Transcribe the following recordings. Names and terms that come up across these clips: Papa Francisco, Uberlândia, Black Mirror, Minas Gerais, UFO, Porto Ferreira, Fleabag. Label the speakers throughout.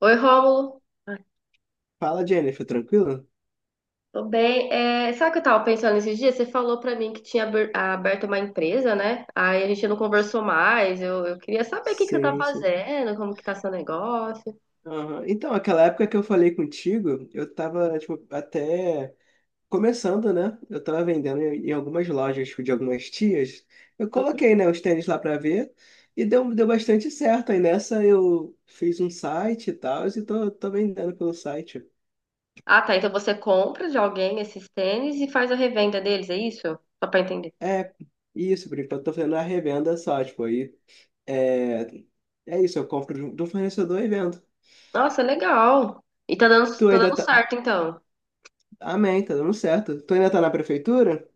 Speaker 1: Oi, Rômulo. Ai,
Speaker 2: Fala, Jennifer, tranquilo?
Speaker 1: Tô bem. É, sabe o que eu tava pensando esses dias? Você falou pra mim que tinha aberto uma empresa, né? Aí a gente não conversou mais. Eu queria saber o que que você tá
Speaker 2: Sim, sim.
Speaker 1: fazendo, como que tá seu negócio.
Speaker 2: Aham. Então, aquela época que eu falei contigo, eu tava, tipo, até começando, né? Eu tava vendendo em algumas lojas, tipo, de algumas tias. Eu
Speaker 1: Uhum.
Speaker 2: coloquei, né, os tênis lá pra ver e deu bastante certo. Aí nessa eu fiz um site e tal, e tô vendendo pelo site.
Speaker 1: Ah, tá. Então você compra de alguém esses tênis e faz a revenda deles, é isso? Só pra entender.
Speaker 2: É, isso, por enquanto eu tô fazendo a revenda só, tipo, aí é, é isso, eu compro de um fornecedor e vendo.
Speaker 1: Nossa, legal. E
Speaker 2: Tu
Speaker 1: tá
Speaker 2: ainda
Speaker 1: dando
Speaker 2: tá.
Speaker 1: certo, então.
Speaker 2: Amém, tá dando certo. Tu ainda tá na prefeitura?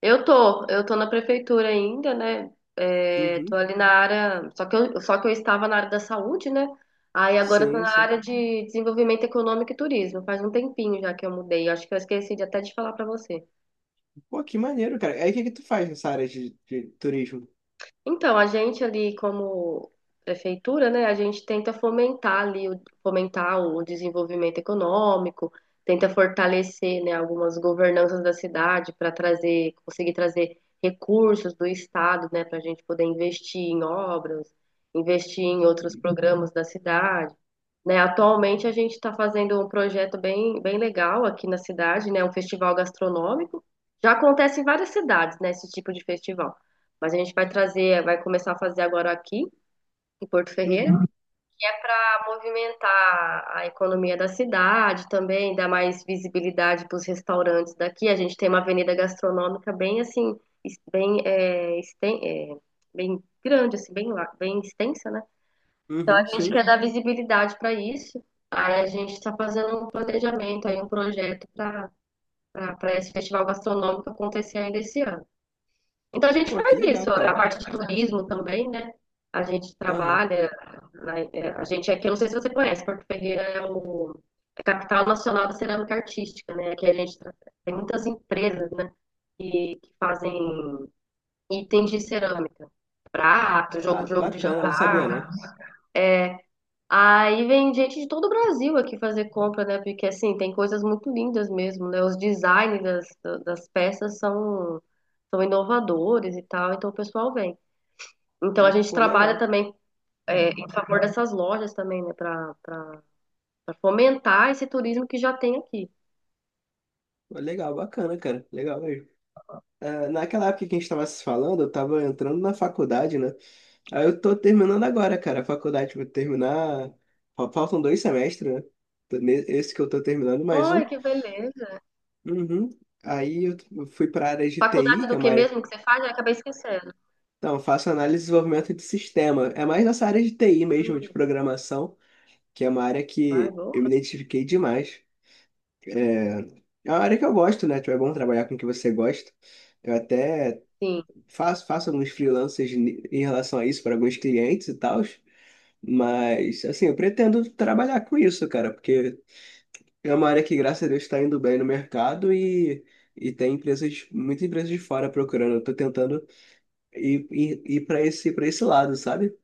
Speaker 1: Eu tô na prefeitura ainda, né? É, tô
Speaker 2: Uhum.
Speaker 1: ali na área, só que eu estava na área da saúde, né? Aí agora eu tô
Speaker 2: Sim,
Speaker 1: na
Speaker 2: sim.
Speaker 1: área de desenvolvimento econômico e turismo. Faz um tempinho já que eu mudei. Acho que eu esqueci de até de falar pra você.
Speaker 2: Pô, que maneiro, cara. Aí o que que tu faz nessa área de turismo?
Speaker 1: Então, a gente ali como prefeitura, né, a gente tenta fomentar ali, fomentar o desenvolvimento econômico, tenta fortalecer, né, algumas governanças da cidade para trazer, conseguir trazer recursos do estado, né, para a gente poder investir em obras, investir em outros programas da cidade, né. Atualmente a gente está fazendo um projeto bem, bem legal aqui na cidade, né, um festival gastronômico. Já acontece em várias cidades, né, esse tipo de festival. Mas a gente vai trazer, vai começar a fazer agora aqui, em Porto Ferreira,
Speaker 2: Uhum,
Speaker 1: para movimentar a economia da cidade também, dar mais visibilidade para os restaurantes daqui. A gente tem uma avenida gastronômica bem assim, es- bem, é, esten- é, bem grande, assim, bem extensa, né? Então
Speaker 2: uhum,
Speaker 1: a gente
Speaker 2: sim.
Speaker 1: quer dar visibilidade para isso. Aí a gente está fazendo um planejamento, aí um projeto para esse festival gastronômico acontecer ainda esse ano. Então a gente
Speaker 2: Pô, que
Speaker 1: faz
Speaker 2: legal,
Speaker 1: isso, a
Speaker 2: cara.
Speaker 1: parte de turismo também, né? A gente
Speaker 2: Aham.
Speaker 1: trabalha, a gente é aqui, eu não sei se você conhece, Porto Ferreira é o é a capital nacional da cerâmica artística, né? Aqui a gente tem muitas empresas, né? Que fazem itens de cerâmica, prato,
Speaker 2: Ah,
Speaker 1: jogo, jogo de
Speaker 2: bacana, não sabia
Speaker 1: jantar.
Speaker 2: não.
Speaker 1: Aí vem gente de todo o Brasil aqui fazer compra, né? Porque assim, tem coisas muito lindas mesmo, né? Os designs das, das peças são, são inovadores e tal, então o pessoal vem. Então a gente
Speaker 2: Pô,
Speaker 1: trabalha
Speaker 2: legal.
Speaker 1: também em favor dessas lojas também, né, para fomentar esse turismo que já tem aqui.
Speaker 2: Pô, legal, bacana, cara. Legal mesmo. Ah, naquela época que a gente tava se falando, eu tava entrando na faculdade, né? Aí eu tô terminando agora, cara. A faculdade vai terminar. Faltam 2 semestres, né? Esse que eu tô terminando, mais
Speaker 1: Ai,
Speaker 2: um.
Speaker 1: que beleza.
Speaker 2: Uhum. Eu fui pra área de
Speaker 1: Faculdade
Speaker 2: TI, que é
Speaker 1: do que
Speaker 2: uma área.
Speaker 1: mesmo que você faz? Eu acabei esquecendo.
Speaker 2: Então, eu faço análise e desenvolvimento de sistema. É mais nessa área de TI mesmo,
Speaker 1: Hum,
Speaker 2: de programação, que é uma área
Speaker 1: ai,
Speaker 2: que eu me
Speaker 1: boa.
Speaker 2: identifiquei demais. É, é uma área que eu gosto, né? Tipo, é bom trabalhar com o que você gosta. Eu até
Speaker 1: Sim,
Speaker 2: faço alguns freelancers em relação a isso para alguns clientes e tal. Mas, assim, eu pretendo trabalhar com isso, cara, porque é uma área que, graças a Deus, está indo bem no mercado e tem empresas, muitas empresas de fora procurando. Eu tô tentando ir para para esse lado, sabe?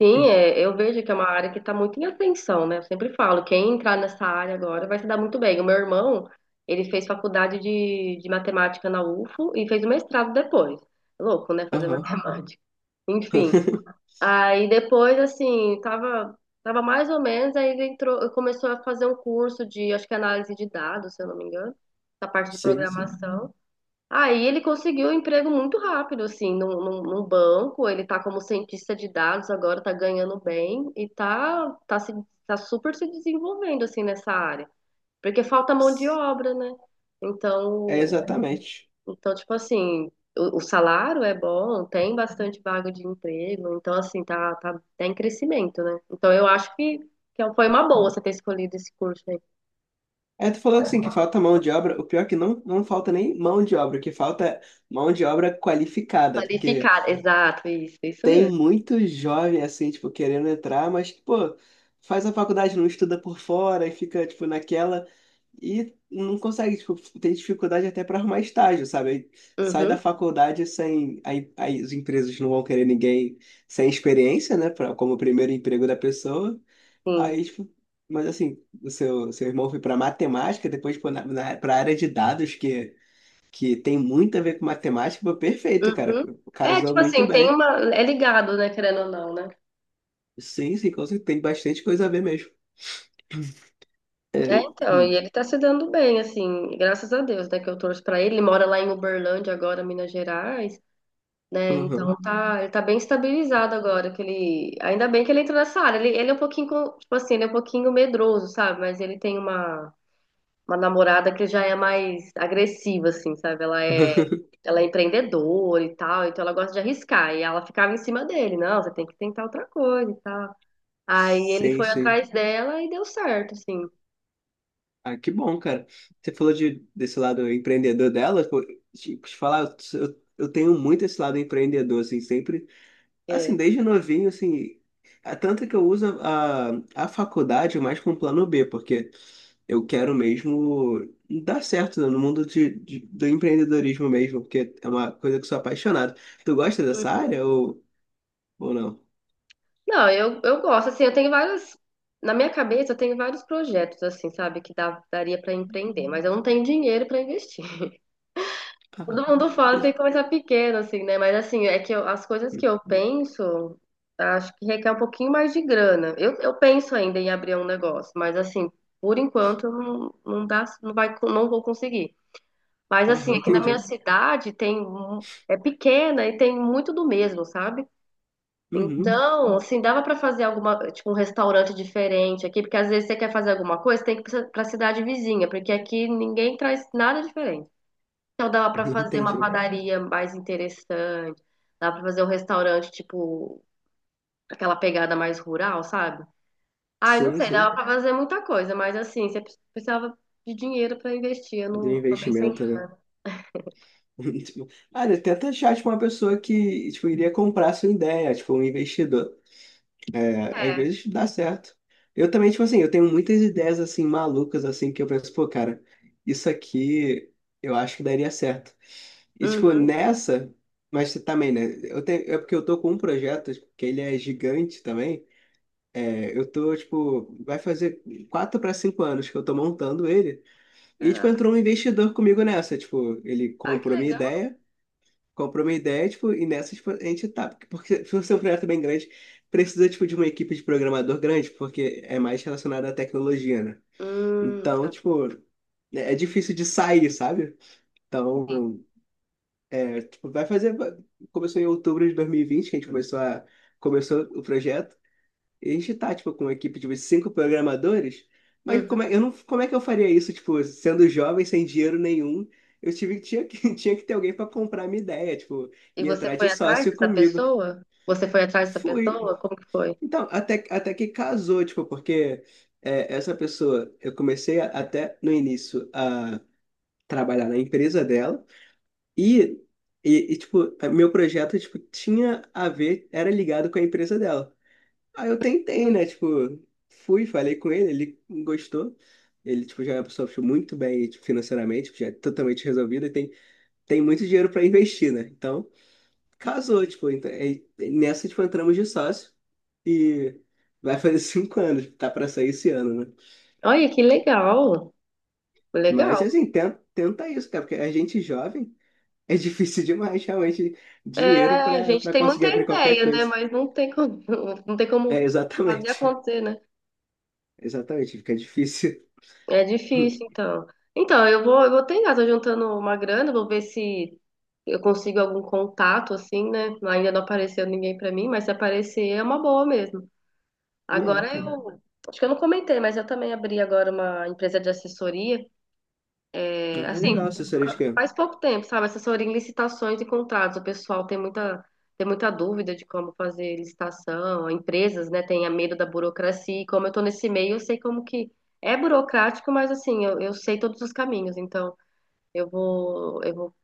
Speaker 1: sim, é, eu vejo que é uma área que está muito em atenção, né? Eu sempre falo, quem entrar nessa área agora vai se dar muito bem. O meu irmão, ele fez faculdade de matemática na UFO e fez o mestrado depois. Louco, né? Fazer
Speaker 2: Aham,
Speaker 1: matemática. Enfim. Aí depois, assim, tava mais ou menos, aí ele entrou, começou a fazer um curso de, acho que é análise de dados, se eu não me engano, da parte de
Speaker 2: sim, sim.
Speaker 1: programação. Aí ele conseguiu um emprego muito rápido, assim, num banco, ele tá como cientista de dados agora, tá ganhando bem e tá super se desenvolvendo, assim, nessa área. Porque falta mão de obra, né?
Speaker 2: É
Speaker 1: Então,
Speaker 2: exatamente.
Speaker 1: então, tipo assim, o salário é bom, tem bastante vaga de emprego, então, assim, tá em crescimento, né? Então, que é um, foi uma boa você ter escolhido esse curso aí.
Speaker 2: É, tu falou assim que falta mão de obra. O pior é que não, não falta nem mão de obra, o que falta é mão de obra qualificada, porque
Speaker 1: Qualificado, exato, isso
Speaker 2: tem
Speaker 1: mesmo.
Speaker 2: muito jovem assim, tipo, querendo entrar, mas que, pô, faz a faculdade, não estuda por fora e fica, tipo, naquela e não consegue, tipo, tem dificuldade até para arrumar estágio, sabe? Aí sai da
Speaker 1: Uhum,
Speaker 2: faculdade sem. Aí as empresas não vão querer ninguém sem experiência, né? Pra, como primeiro emprego da pessoa.
Speaker 1: sim.
Speaker 2: Aí, tipo, mas assim, o seu irmão foi para matemática, depois para pra área de dados, que tem muito a ver com matemática, pô, perfeito, cara.
Speaker 1: Uhum. É,
Speaker 2: Casou
Speaker 1: tipo
Speaker 2: muito
Speaker 1: assim, tem
Speaker 2: bem.
Speaker 1: uma. É ligado, né, querendo ou não, né?
Speaker 2: Sim, sim, com certeza, tem bastante coisa a ver mesmo.
Speaker 1: É,
Speaker 2: É,
Speaker 1: então, e
Speaker 2: hum,
Speaker 1: ele tá se dando bem, assim, graças a Deus, né, que eu torço pra ele. Ele mora lá em Uberlândia agora, Minas Gerais. Né? Então
Speaker 2: uhum.
Speaker 1: tá, ele tá bem estabilizado agora, que ele, ainda bem que ele entrou nessa área. Ele é um pouquinho, tipo assim, ele é um pouquinho medroso, sabe? Mas ele tem uma namorada que já é mais agressiva, assim, sabe? Ela é empreendedora e tal, então ela gosta de arriscar. E ela ficava em cima dele, não, você tem que tentar outra coisa e tal. Aí ele
Speaker 2: Sim,
Speaker 1: foi
Speaker 2: sim.
Speaker 1: atrás dela e deu certo, assim.
Speaker 2: Ah, que bom, cara. Você falou desse lado empreendedor dela, pô, tipo, te falar, eu tenho muito esse lado empreendedor, assim, sempre.
Speaker 1: É.
Speaker 2: Assim, desde novinho, assim, é tanto que eu uso a faculdade mais como plano B, porque eu quero mesmo dar certo né, no mundo do empreendedorismo mesmo, porque é uma coisa que eu sou apaixonado. Tu gosta dessa área ou não?
Speaker 1: Não, eu gosto, assim, eu tenho várias. Na minha cabeça, eu tenho vários projetos, assim, sabe, daria pra empreender, mas eu não tenho dinheiro pra investir.
Speaker 2: Ah,
Speaker 1: Todo mundo fala que tem
Speaker 2: isso.
Speaker 1: que começar pequeno, assim, né? Mas, assim, as coisas que eu penso, acho que requer um pouquinho mais de grana. Eu penso ainda em abrir um negócio, mas, assim, por enquanto, eu não, não dá, não vou conseguir. Mas, assim,
Speaker 2: Aham,
Speaker 1: aqui na minha
Speaker 2: entendi.
Speaker 1: cidade É pequena e tem muito do mesmo, sabe?
Speaker 2: Uhum,
Speaker 1: Então, assim, dava para fazer alguma, tipo, um restaurante diferente aqui, porque às vezes você quer fazer alguma coisa, tem que ir para a cidade vizinha, porque aqui ninguém traz nada diferente. Então, dava para fazer
Speaker 2: entendi.
Speaker 1: uma padaria mais interessante, dava para fazer um restaurante, tipo, aquela pegada mais rural, sabe? Ah, eu não
Speaker 2: Sim,
Speaker 1: sei,
Speaker 2: sim.
Speaker 1: dava para fazer muita coisa, mas assim, você precisava de dinheiro para investir, eu
Speaker 2: Do
Speaker 1: não, também sem.
Speaker 2: investimento, né? Tipo, ah, né, tenta achar, tipo, uma pessoa que, tipo, iria comprar a sua ideia, tipo, um investidor. Às
Speaker 1: É.
Speaker 2: vezes dá certo. Eu também, tipo assim, eu tenho muitas ideias assim malucas assim que eu penso, pô, cara, isso aqui eu acho que daria certo. E tipo,
Speaker 1: Uhum.
Speaker 2: nessa, mas também, né? Eu tenho, é porque eu tô com um projeto tipo, que ele é gigante também. É, eu tô, tipo, vai fazer 4 para 5 anos que eu tô montando ele. E tipo,
Speaker 1: Caraca.
Speaker 2: entrou um investidor comigo nessa, tipo, ele
Speaker 1: Ah, que
Speaker 2: comprou minha
Speaker 1: legal.
Speaker 2: ideia. Comprou uma ideia, tipo, e nessa, tipo, a gente tá. Porque se você é um projeto bem grande, precisa, tipo, de uma equipe de programador grande, porque é mais relacionado à tecnologia, né? Então,
Speaker 1: Tá.
Speaker 2: tipo, é difícil de sair, sabe? Então, tipo, vai fazer. Começou em outubro de 2020, que a gente começou começou o projeto. E a gente tá, tipo, com uma equipe de uns 5 programadores, mas
Speaker 1: Uhum.
Speaker 2: como é, eu não, como é que eu faria isso, tipo, sendo jovem, sem dinheiro nenhum? Eu tive, tinha que, tinha que ter alguém para comprar minha ideia, tipo,
Speaker 1: E
Speaker 2: e
Speaker 1: você
Speaker 2: entrar
Speaker 1: foi
Speaker 2: de
Speaker 1: atrás
Speaker 2: sócio
Speaker 1: dessa
Speaker 2: comigo.
Speaker 1: pessoa? Você foi atrás dessa pessoa?
Speaker 2: Fui.
Speaker 1: Como que foi?
Speaker 2: Então, até que casou, tipo, porque é, essa pessoa, eu comecei até no início a trabalhar na empresa dela e, e, tipo, meu projeto, tipo, tinha a ver, era ligado com a empresa dela. Aí eu tentei,
Speaker 1: Hum.
Speaker 2: né? Tipo, fui, falei com ele, ele gostou. Ele, tipo, já é uma pessoa tipo, muito bem tipo, financeiramente, tipo, já é totalmente resolvida e tem, tem muito dinheiro para investir, né? Então, casou, tipo, então, é, nessa, tipo, entramos de sócio e vai fazer 5 anos, tá para sair esse ano, né?
Speaker 1: Olha, que legal.
Speaker 2: Mas,
Speaker 1: Legal.
Speaker 2: assim, tenta isso, cara, porque a gente jovem é difícil demais, realmente, dinheiro
Speaker 1: É, a gente
Speaker 2: para
Speaker 1: tem
Speaker 2: conseguir
Speaker 1: muita
Speaker 2: abrir qualquer
Speaker 1: ideia, né?
Speaker 2: coisa.
Speaker 1: Mas não tem como, não tem
Speaker 2: É,
Speaker 1: como fazer
Speaker 2: exatamente.
Speaker 1: acontecer, né?
Speaker 2: Exatamente, fica difícil.
Speaker 1: É difícil, então. Então, eu vou tentar, tô juntando uma grana, vou ver se eu consigo algum contato, assim, né? Ainda não apareceu ninguém pra mim, mas se aparecer é uma boa mesmo.
Speaker 2: É,
Speaker 1: Agora
Speaker 2: cara.
Speaker 1: acho que eu não comentei, mas eu também abri agora uma empresa de assessoria. É,
Speaker 2: Ah, é
Speaker 1: assim,
Speaker 2: legal essa que é.
Speaker 1: Faz pouco tempo, sabe? Assessoria em licitações e contratos. O pessoal tem muita dúvida de como fazer licitação. Empresas, né, têm medo da burocracia. E como eu tô nesse meio, eu sei como que é burocrático, mas assim, eu sei todos os caminhos. Então, eu vou, eu vou,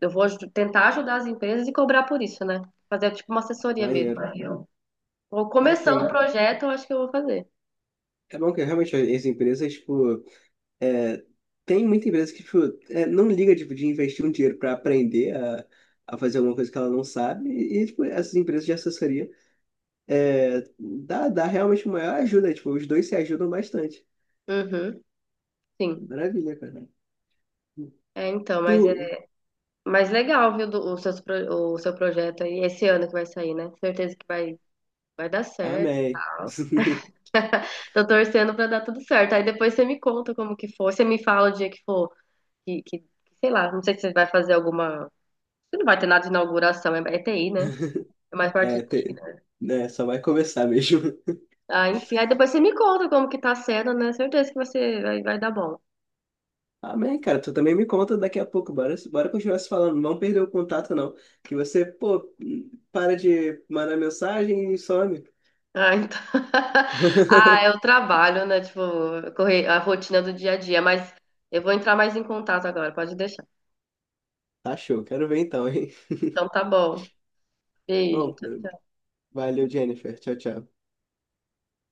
Speaker 1: tentar ajudar as empresas e cobrar por isso, né? Fazer tipo uma assessoria mesmo.
Speaker 2: Maneiro.
Speaker 1: Vou
Speaker 2: É, tem
Speaker 1: começando o
Speaker 2: muita...
Speaker 1: projeto, eu acho que eu vou fazer.
Speaker 2: é bom que realmente as empresas, tipo, é, tem muita empresa que, tipo, é, não liga, tipo, de investir um dinheiro para aprender a fazer alguma coisa que ela não sabe. E, tipo, essas empresas de assessoria é, dá realmente uma maior ajuda. Tipo, os dois se ajudam bastante.
Speaker 1: Uhum, sim.
Speaker 2: Maravilha, cara.
Speaker 1: É, então, mas
Speaker 2: Tu...
Speaker 1: Mas legal, viu, do- o, seus pro- o seu projeto aí, esse ano que vai sair, né? Certeza que vai dar certo e
Speaker 2: Amém.
Speaker 1: tal. Tô torcendo pra dar tudo certo. Aí depois você me conta como que for. Você me fala o dia que for, que, que sei lá, não sei se você vai fazer alguma. Você não vai ter nada de inauguração, é TI, né? É mais parte de
Speaker 2: É,
Speaker 1: TI,
Speaker 2: tem...
Speaker 1: né?
Speaker 2: né, só vai começar mesmo.
Speaker 1: Ah, enfim, aí depois você me conta como que tá sendo, né? Certeza que você vai dar bom.
Speaker 2: Amém, cara. Tu também me conta daqui a pouco. Bora continuar se falando. Não vamos perder o contato, não. Que você, pô, para de mandar mensagem e some.
Speaker 1: Ah, então... ah, é o trabalho, né? Tipo, correr a rotina do dia a dia, mas eu vou entrar mais em contato agora, pode deixar.
Speaker 2: Tá show. Quero ver então, hein?
Speaker 1: Então tá bom. Beijo.
Speaker 2: Bom,
Speaker 1: Tchau. Tchau.
Speaker 2: valeu, Jennifer. Tchau, tchau.